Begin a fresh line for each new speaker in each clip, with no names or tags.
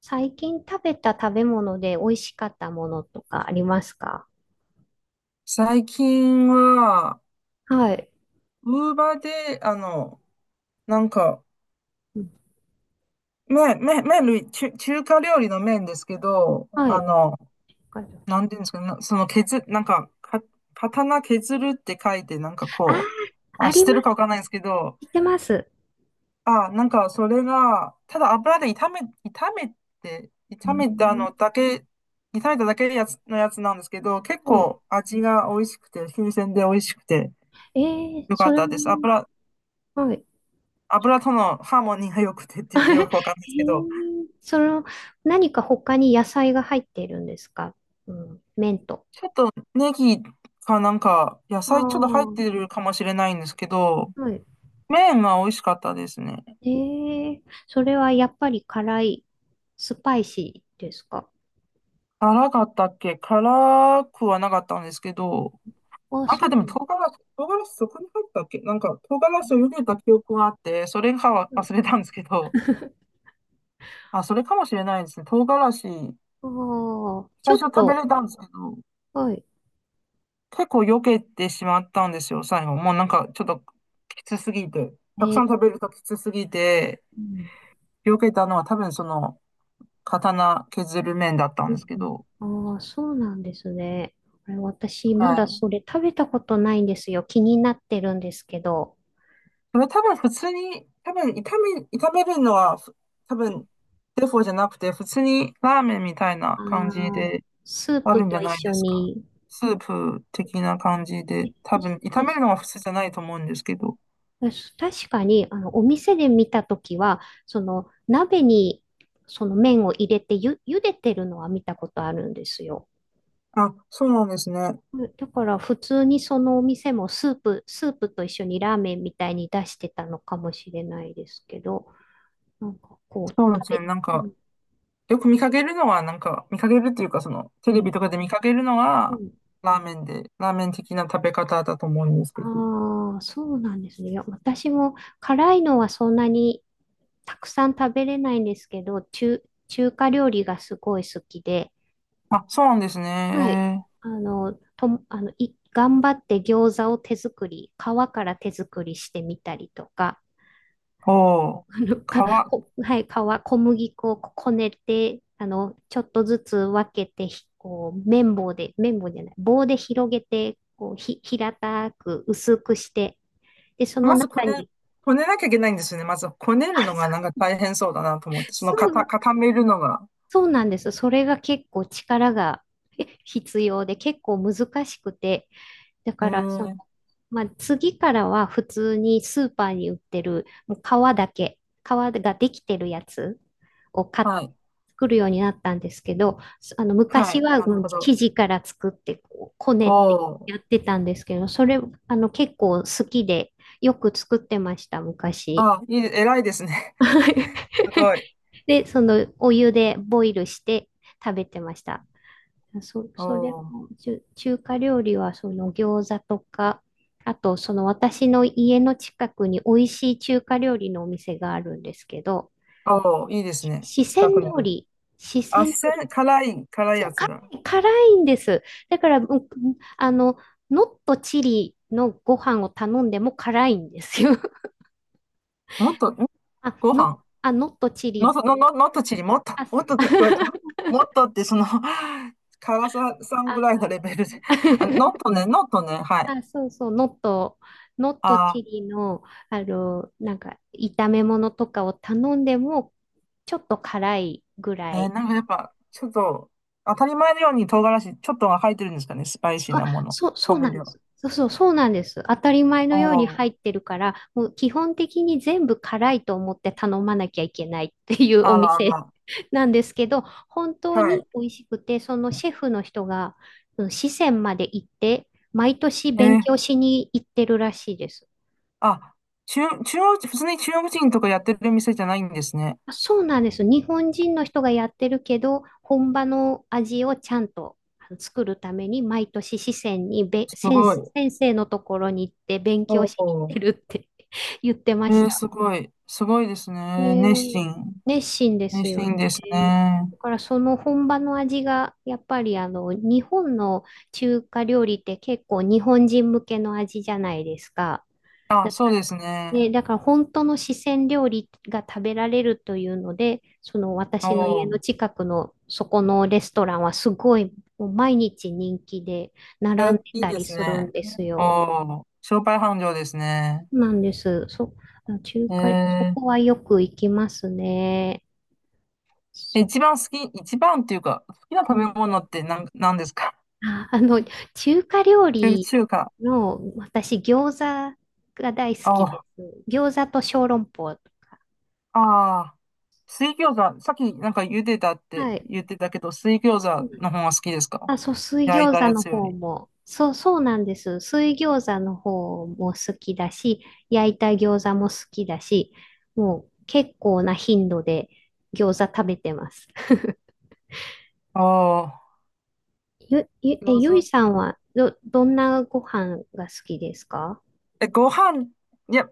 最近食べた食べ物で美味しかったものとかありますか？
最近は、
はい。
ウーバーで、なんか、
うん。
麺類、中華料理の麺ですけど、
はい。わかりま
な
し
んていうんですかね、なその削、なんか、か、刀削るって書いて、
たあ
あ、知
り
って
ま
る
す。
かわかんないんですけど、
知ってます。
あ、なんかそれが、ただ油で炒め、炒めて、
う
炒めた
ん。
のだけ、炒めただけのやつなんですけど、結
そ
構味が美味しくて、新鮮で美味しくて、
う。えー、
よか
そ
っ
れ
たで
も、
す。
はい。
油とのハーモニーが良くてっていうかよ
へ
くわかんないですけ
え。
ど、
その、何か他に野菜が入っているんですか？うん、麺と。
ちょっとネギかなんか野
あ
菜ちょっと入って
あ、
るかもしれないんですけど、
はい。
麺が美味しかったですね。
ええ、それはやっぱり辛い、スパイシーですか？
辛かったっけ？辛くはなかったんですけど、
あ、
なん
そ
か
う
で
な
も
んだ。
唐辛子そこに入ったっけ、なんか唐辛
う
子を
ん、
茹でた記憶があって、それかは
うん。
忘れたんですけど、あ、それかもしれないですね。唐辛子、
ああ、ち
最
ょ
初
っ
食べ
と、
れたんですけど、
はい。
結構避けてしまったんですよ、最後。もうなんかちょっときつすぎて。
え
たくさ
ー、
ん食べるときつすぎて、
うん、
避けたのは多分その刀削る麺だったん
うん、
ですけど。
うん。ああ、そうなんですね。これ私、ま
は
だ
い。
それ食べたことないんですよ。気になってるんですけど。
それ多分普通に、多分炒め、炒めるのは多分デフォじゃなくて、普通にラーメンみたいな
あ
感じ
あ、
で
スー
あ
プ
るんじ
と
ゃ
一
ないで
緒
すか？
に。
スープ的な感じ
え、
で、多
そ
分炒
うで
める
す
のは
ね。
普通じゃないと思うんですけど。
確かに、あの、お店で見たときは、その、鍋に、その麺を入れて茹でてるのは見たことあるんですよ。
あ、そうなんですね。
うん、だから、普通にそのお店もスープと一緒にラーメンみたいに出してたのかもしれないですけど。なんかこう、
そうですね。
べ、うん、
よく見かけるのは、見かけるっていうか、その、
う
テレ
ん、
ビとかで見かけるの
う
は、
ん。
ラーメン的な食べ方だと思うんですけど。
ああ、そうなんですね。いや、私も辛いのはそんなにたくさん食べれないんですけど、中華料理がすごい好きで、
あ、そうなんです
はい。
ね。
あの、とも、あの、い、頑張って餃子を手作り、皮から手作りしてみたりとか、
おー、皮、
はい、皮、小麦粉をこねて、あの、ちょっとずつ分けて、ひこう、綿棒で、綿棒じゃない、棒で広げて、こう、平たく薄くして、で、その
まずこ
中
ね、
に、
こねなきゃいけないんですよね。まず、こねるのが
あ、
なんか大変そうだなと思って、その、
そう、そう
固めるのが。
そうなんです。それが結構力が必要で、結構難しくて、だ
へ
から、その、
ー、
まあ、次からは普通にスーパーに売ってる、もう皮だけ、皮ができてるやつを買って
はい。
作るようになったんですけど、あの、
は
昔
い、
は
な
も
る
う
ほど。
生地から作ってこうこね
お
って
ー、
やってたんですけど、それ、あの結構好きでよく作ってました、昔。
あ、偉いですね。すごい。
で、そのお湯でボイルして食べてました。
お
それ
ー、
も中華料理はその餃子とか、あとその私の家の近くに美味しい中華料理のお店があるんですけど、
おー、いいですね。
四
近
川
くにあ
料
る。
理、四
あ、
川料
四
理、
川、辛い
そ
や
う、
つ
辛
だ。
い、辛いんです。だから、うん、あの、ノットチリのご飯を頼んでも辛いんですよ。
もっと、
あ、
ご
ノ、
飯
あ、ノットチ
の、
リ、
の、の、のっとちり、もっと、
あ、
もっとって聞こえた。もっとって、その、辛ささんぐらい
あ
のレベルで。あ、ノットね、ノットね、はい。
あ、そうそう、ノット、ノット
あ
チリの、あの、なんか、炒め物とかを頼んでも、ちょっと辛いぐらい。
なんかやっぱ、ちょっと、当たり前のように唐辛子、ちょっとが入ってるんですかね、スパイシーなもの。
そ
調
うな
味
んで
料。
す。そうなんです。当たり前
お
のように
ー、
入ってるから、もう基本的に全部辛いと思って頼まなきゃいけないっていうお
あらあ
店
ら。
なんですけど、本当
は
に
い。
美味しくて、そのシェフの人が、その四川まで行って、毎年
え
勉
ー
強しに行ってるらしいです。
あ、中央、普通に中国人とかやってる店じゃないんですね。
あ、そうなんです。日本人の人がやってるけど、本場の味をちゃんとあの作るために、毎年四川に
すごい。
先生のところに行って勉強
お
しに行って
ー、
るって 言ってました。
すごい。すごいです
え
ね。熱
ー、
心。
熱心です
熱
よ
心です
ね。
ね。
だからその本場の味が、やっぱりあの、日本の中華料理って結構日本人向けの味じゃないですか。
あ、そうです
ね、
ね。
だから本当の四川料理が食べられるというので、その
お
私の家の
お。
近くのそこのレストランはすごいもう毎日人気で並
え、
んで
いい
た
で
り
す
するん
ね。
です
お
よ。
お。商売繁盛ですね。
なんです。中
え
華、そ
ー、
こはよく行きますね。そ、
一番っていうか、好きな
う
食べ
ん、
物ってなんですか？
あ、あの、中華料理
中華。
の私餃子が大好
おお。
き
あ
です。餃子と小籠包とか。
あ。水餃子。さっきなんか茹でたっ
は
て
い。
言ってたけど、水餃
そう
子
なんです。
の方が好きですか？
あ、そう、水
焼い
餃
た
子
や
の
つよ
方
り。
も、そう、そうなんです。水餃子の方も好きだし、焼いた餃子も好きだし、もう結構な頻度で餃子食べてます。
おお。餃
ゆい
子
さん
か。
はどんなご飯が好きですか？
え、ご飯、いや、好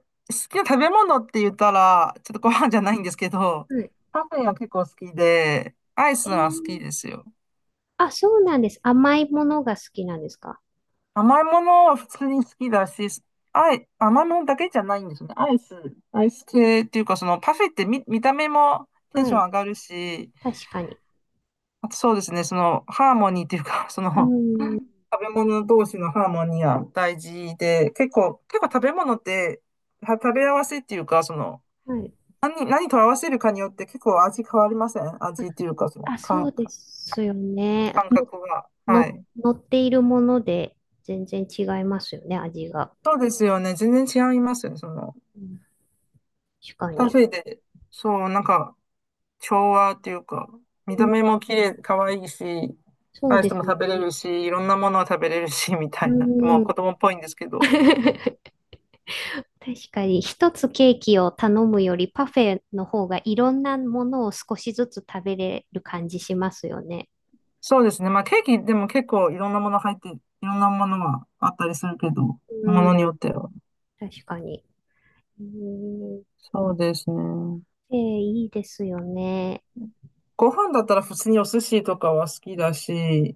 きな食べ物って言ったら、ちょっとご飯じゃないんですけど、
はい。
パフェが結構好きで、アイ
え
スは
ー、
好きですよ。
あ、そうなんです。甘いものが好きなんですか？
甘いものは普通に好きだし、甘いものだけじゃないんですよね。アイス系っていうか、そのパフェって見た目もテン
は
ション
い。
上がるし、
確かに。
あとそうですね、そのハーモニーっていうか、そ
う
の
ん。
食べ物同士のハーモニーは大事で、結構食べ物って、食べ合わせっていうか、その、
はい。
何と合わせるかによって結構味変わりません？味っていうか、その
あ、そうですよね。
感覚が。は
の、
い。
乗っているもので全然違いますよね、味が。
そうですよね。全然違いますよね。その、
うん、確か
パ
に。
フェで、そう、なんか、調和っていうか、見
う
た
ん、
目も綺麗、可愛いし、
そう
アイ
で
ス
す
も食べれ
ね。
るし、いろんなものを食べれるし、みた
う
いな。もう子
ん。
供っぽいんですけど。
確かに、一つケーキを頼むよりパフェの方がいろんなものを少しずつ食べれる感じしますよね。
そうですね。まあケーキでも結構いろんなもの入って、いろんなものがあったりするけど、
う
もの
ん、
によっては。
確かに。うん、
そうですね。
えー、いいですよね。
ご飯だったら普通にお寿司とかは好きだし、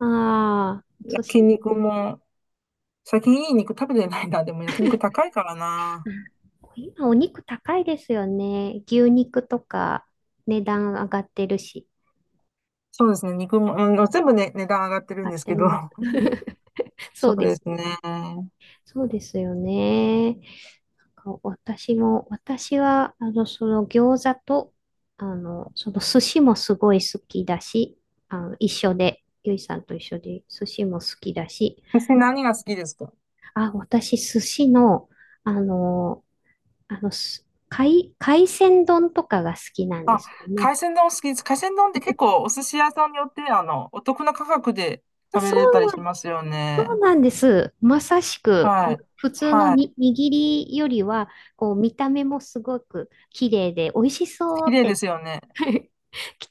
ああ、お寿
焼
司。
肉も、最近いい肉食べてないな。でも焼肉高いからな。
うん、今お肉高いですよね。牛肉とか値段上がってるし。
そうですね。肉も、うん、全部ね、値段上がってる
合
ん
っ
です
て
けど。う
ます。
ん、
そ
そ
う
う
で
で
す。
すね。
そうですよね。なんか私も、私は、あの、その餃子と、あの、その寿司もすごい好きだし、あの、一緒で、ゆいさんと一緒で寿司も好きだし、
私何が好きですか？
あ、私寿司の、あの、あの、海鮮丼とかが好きなんで
あ、
すよね。
海鮮丼好きです。海鮮丼って結構お寿司屋さんによって、お得な価格で
まあ、
食べ
そ
れたりし
う、
ますよ
そう
ね。
なんです。まさしく、あ
は
の
い。
普通の
はい。
に握りよりは、こう、見た目もすごく綺麗で、美味しそ
綺
うっ
麗で
て
すよね。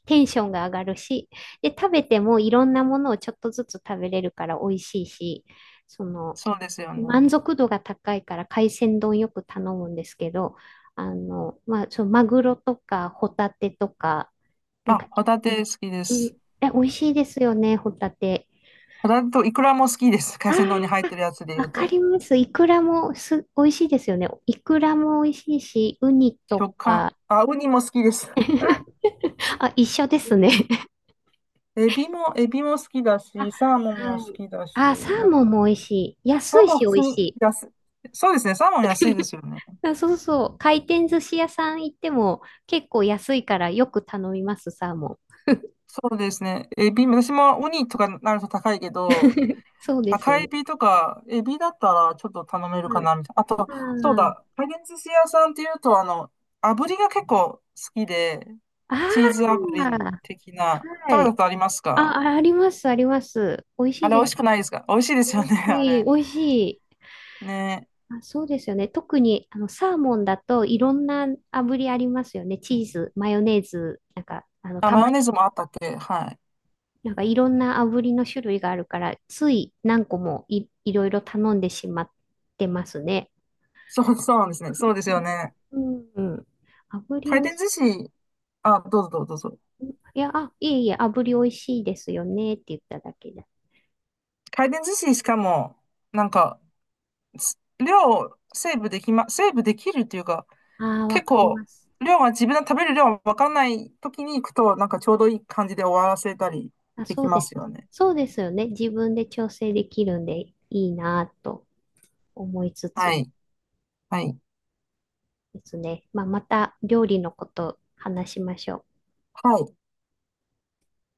テンションが上がるし、で、食べてもいろんなものをちょっとずつ食べれるから美味しいし、その、
そうですよ
満
ね。
足度が高いから海鮮丼よく頼むんですけど、あの、まあ、そのマグロとかホタテとか、なん
あ、
か、
ホタテ好きで
うん、
す。
え、美味しいですよね、ホタテ。
ホタテとイクラも好きです。
あ
海
あ、
鮮丼に入ってるやつで言
わ
う
か
と。
ります。イクラも美味しいですよね。イクラも美味しいし、ウニと
食感。
か。
あ、ウニも好きです。
あ、一緒ですね。
エビも好きだ
あ、
し、サーモン
は
も好
い。
きだし、
あ、サー
なん
モン
か、
も美味しい。
サ
安
ー
い
モ
し
ン普
美
通
味
に
しい。
安い。そうですね、サーモン安いですよね。
あ、そうそう。回転寿司屋さん行っても結構安いからよく頼みます、サーモン。
そうですね、エビ、私もウニとかなると高いけど、
そうですよ
赤エ
ね。
ビとか、エビだったらちょっと頼めるか
はい。
な、みたいな。あと、そうだ、回転寿司屋さんっていうと、炙りが結構好きで、
あ
チーズ炙り
あ、
的な、
は
食べた
い。
ことあります
あ、
か？
ああります、あります。美味し
あ
い
れ美
で
味し
す。
くないですか？美味しいですよ
美味
ね、あ
しい、
れ。
美味しい。
ね。
あ、そうですよね。特にあのサーモンだといろんな炙りありますよね。チーズ、マヨネーズ、なんか、あの、
あ、
た
マ
ま
ヨネー
に、
ズもあったっけ？はい。
なんかいろんな炙りの種類があるから、つい何個もいろいろ頼んでしまってますね。
そう、そうなんですね。そうですよね。
うん、うん、炙り
回
おい
転
し
寿司、あ、どうぞどうぞどうぞ。
い。いや、あ、いえいえ、炙りおいしいですよねって言っただけで。
回転寿司しかも、なんか、量をセーブできるっていうか、
ああ、わ
結
かり
構、
ます。
量が自分の食べる量がわかんない時に行くと、なんかちょうどいい感じで終わらせたり
あ、
で
そ
き
う
ま
で
す
す。
よね。
そうですよね。自分で調整できるんでいいなぁと思いつ
は
つ。
い。はい。
ですね。まあ、また料理のこと話しましょう。
はい。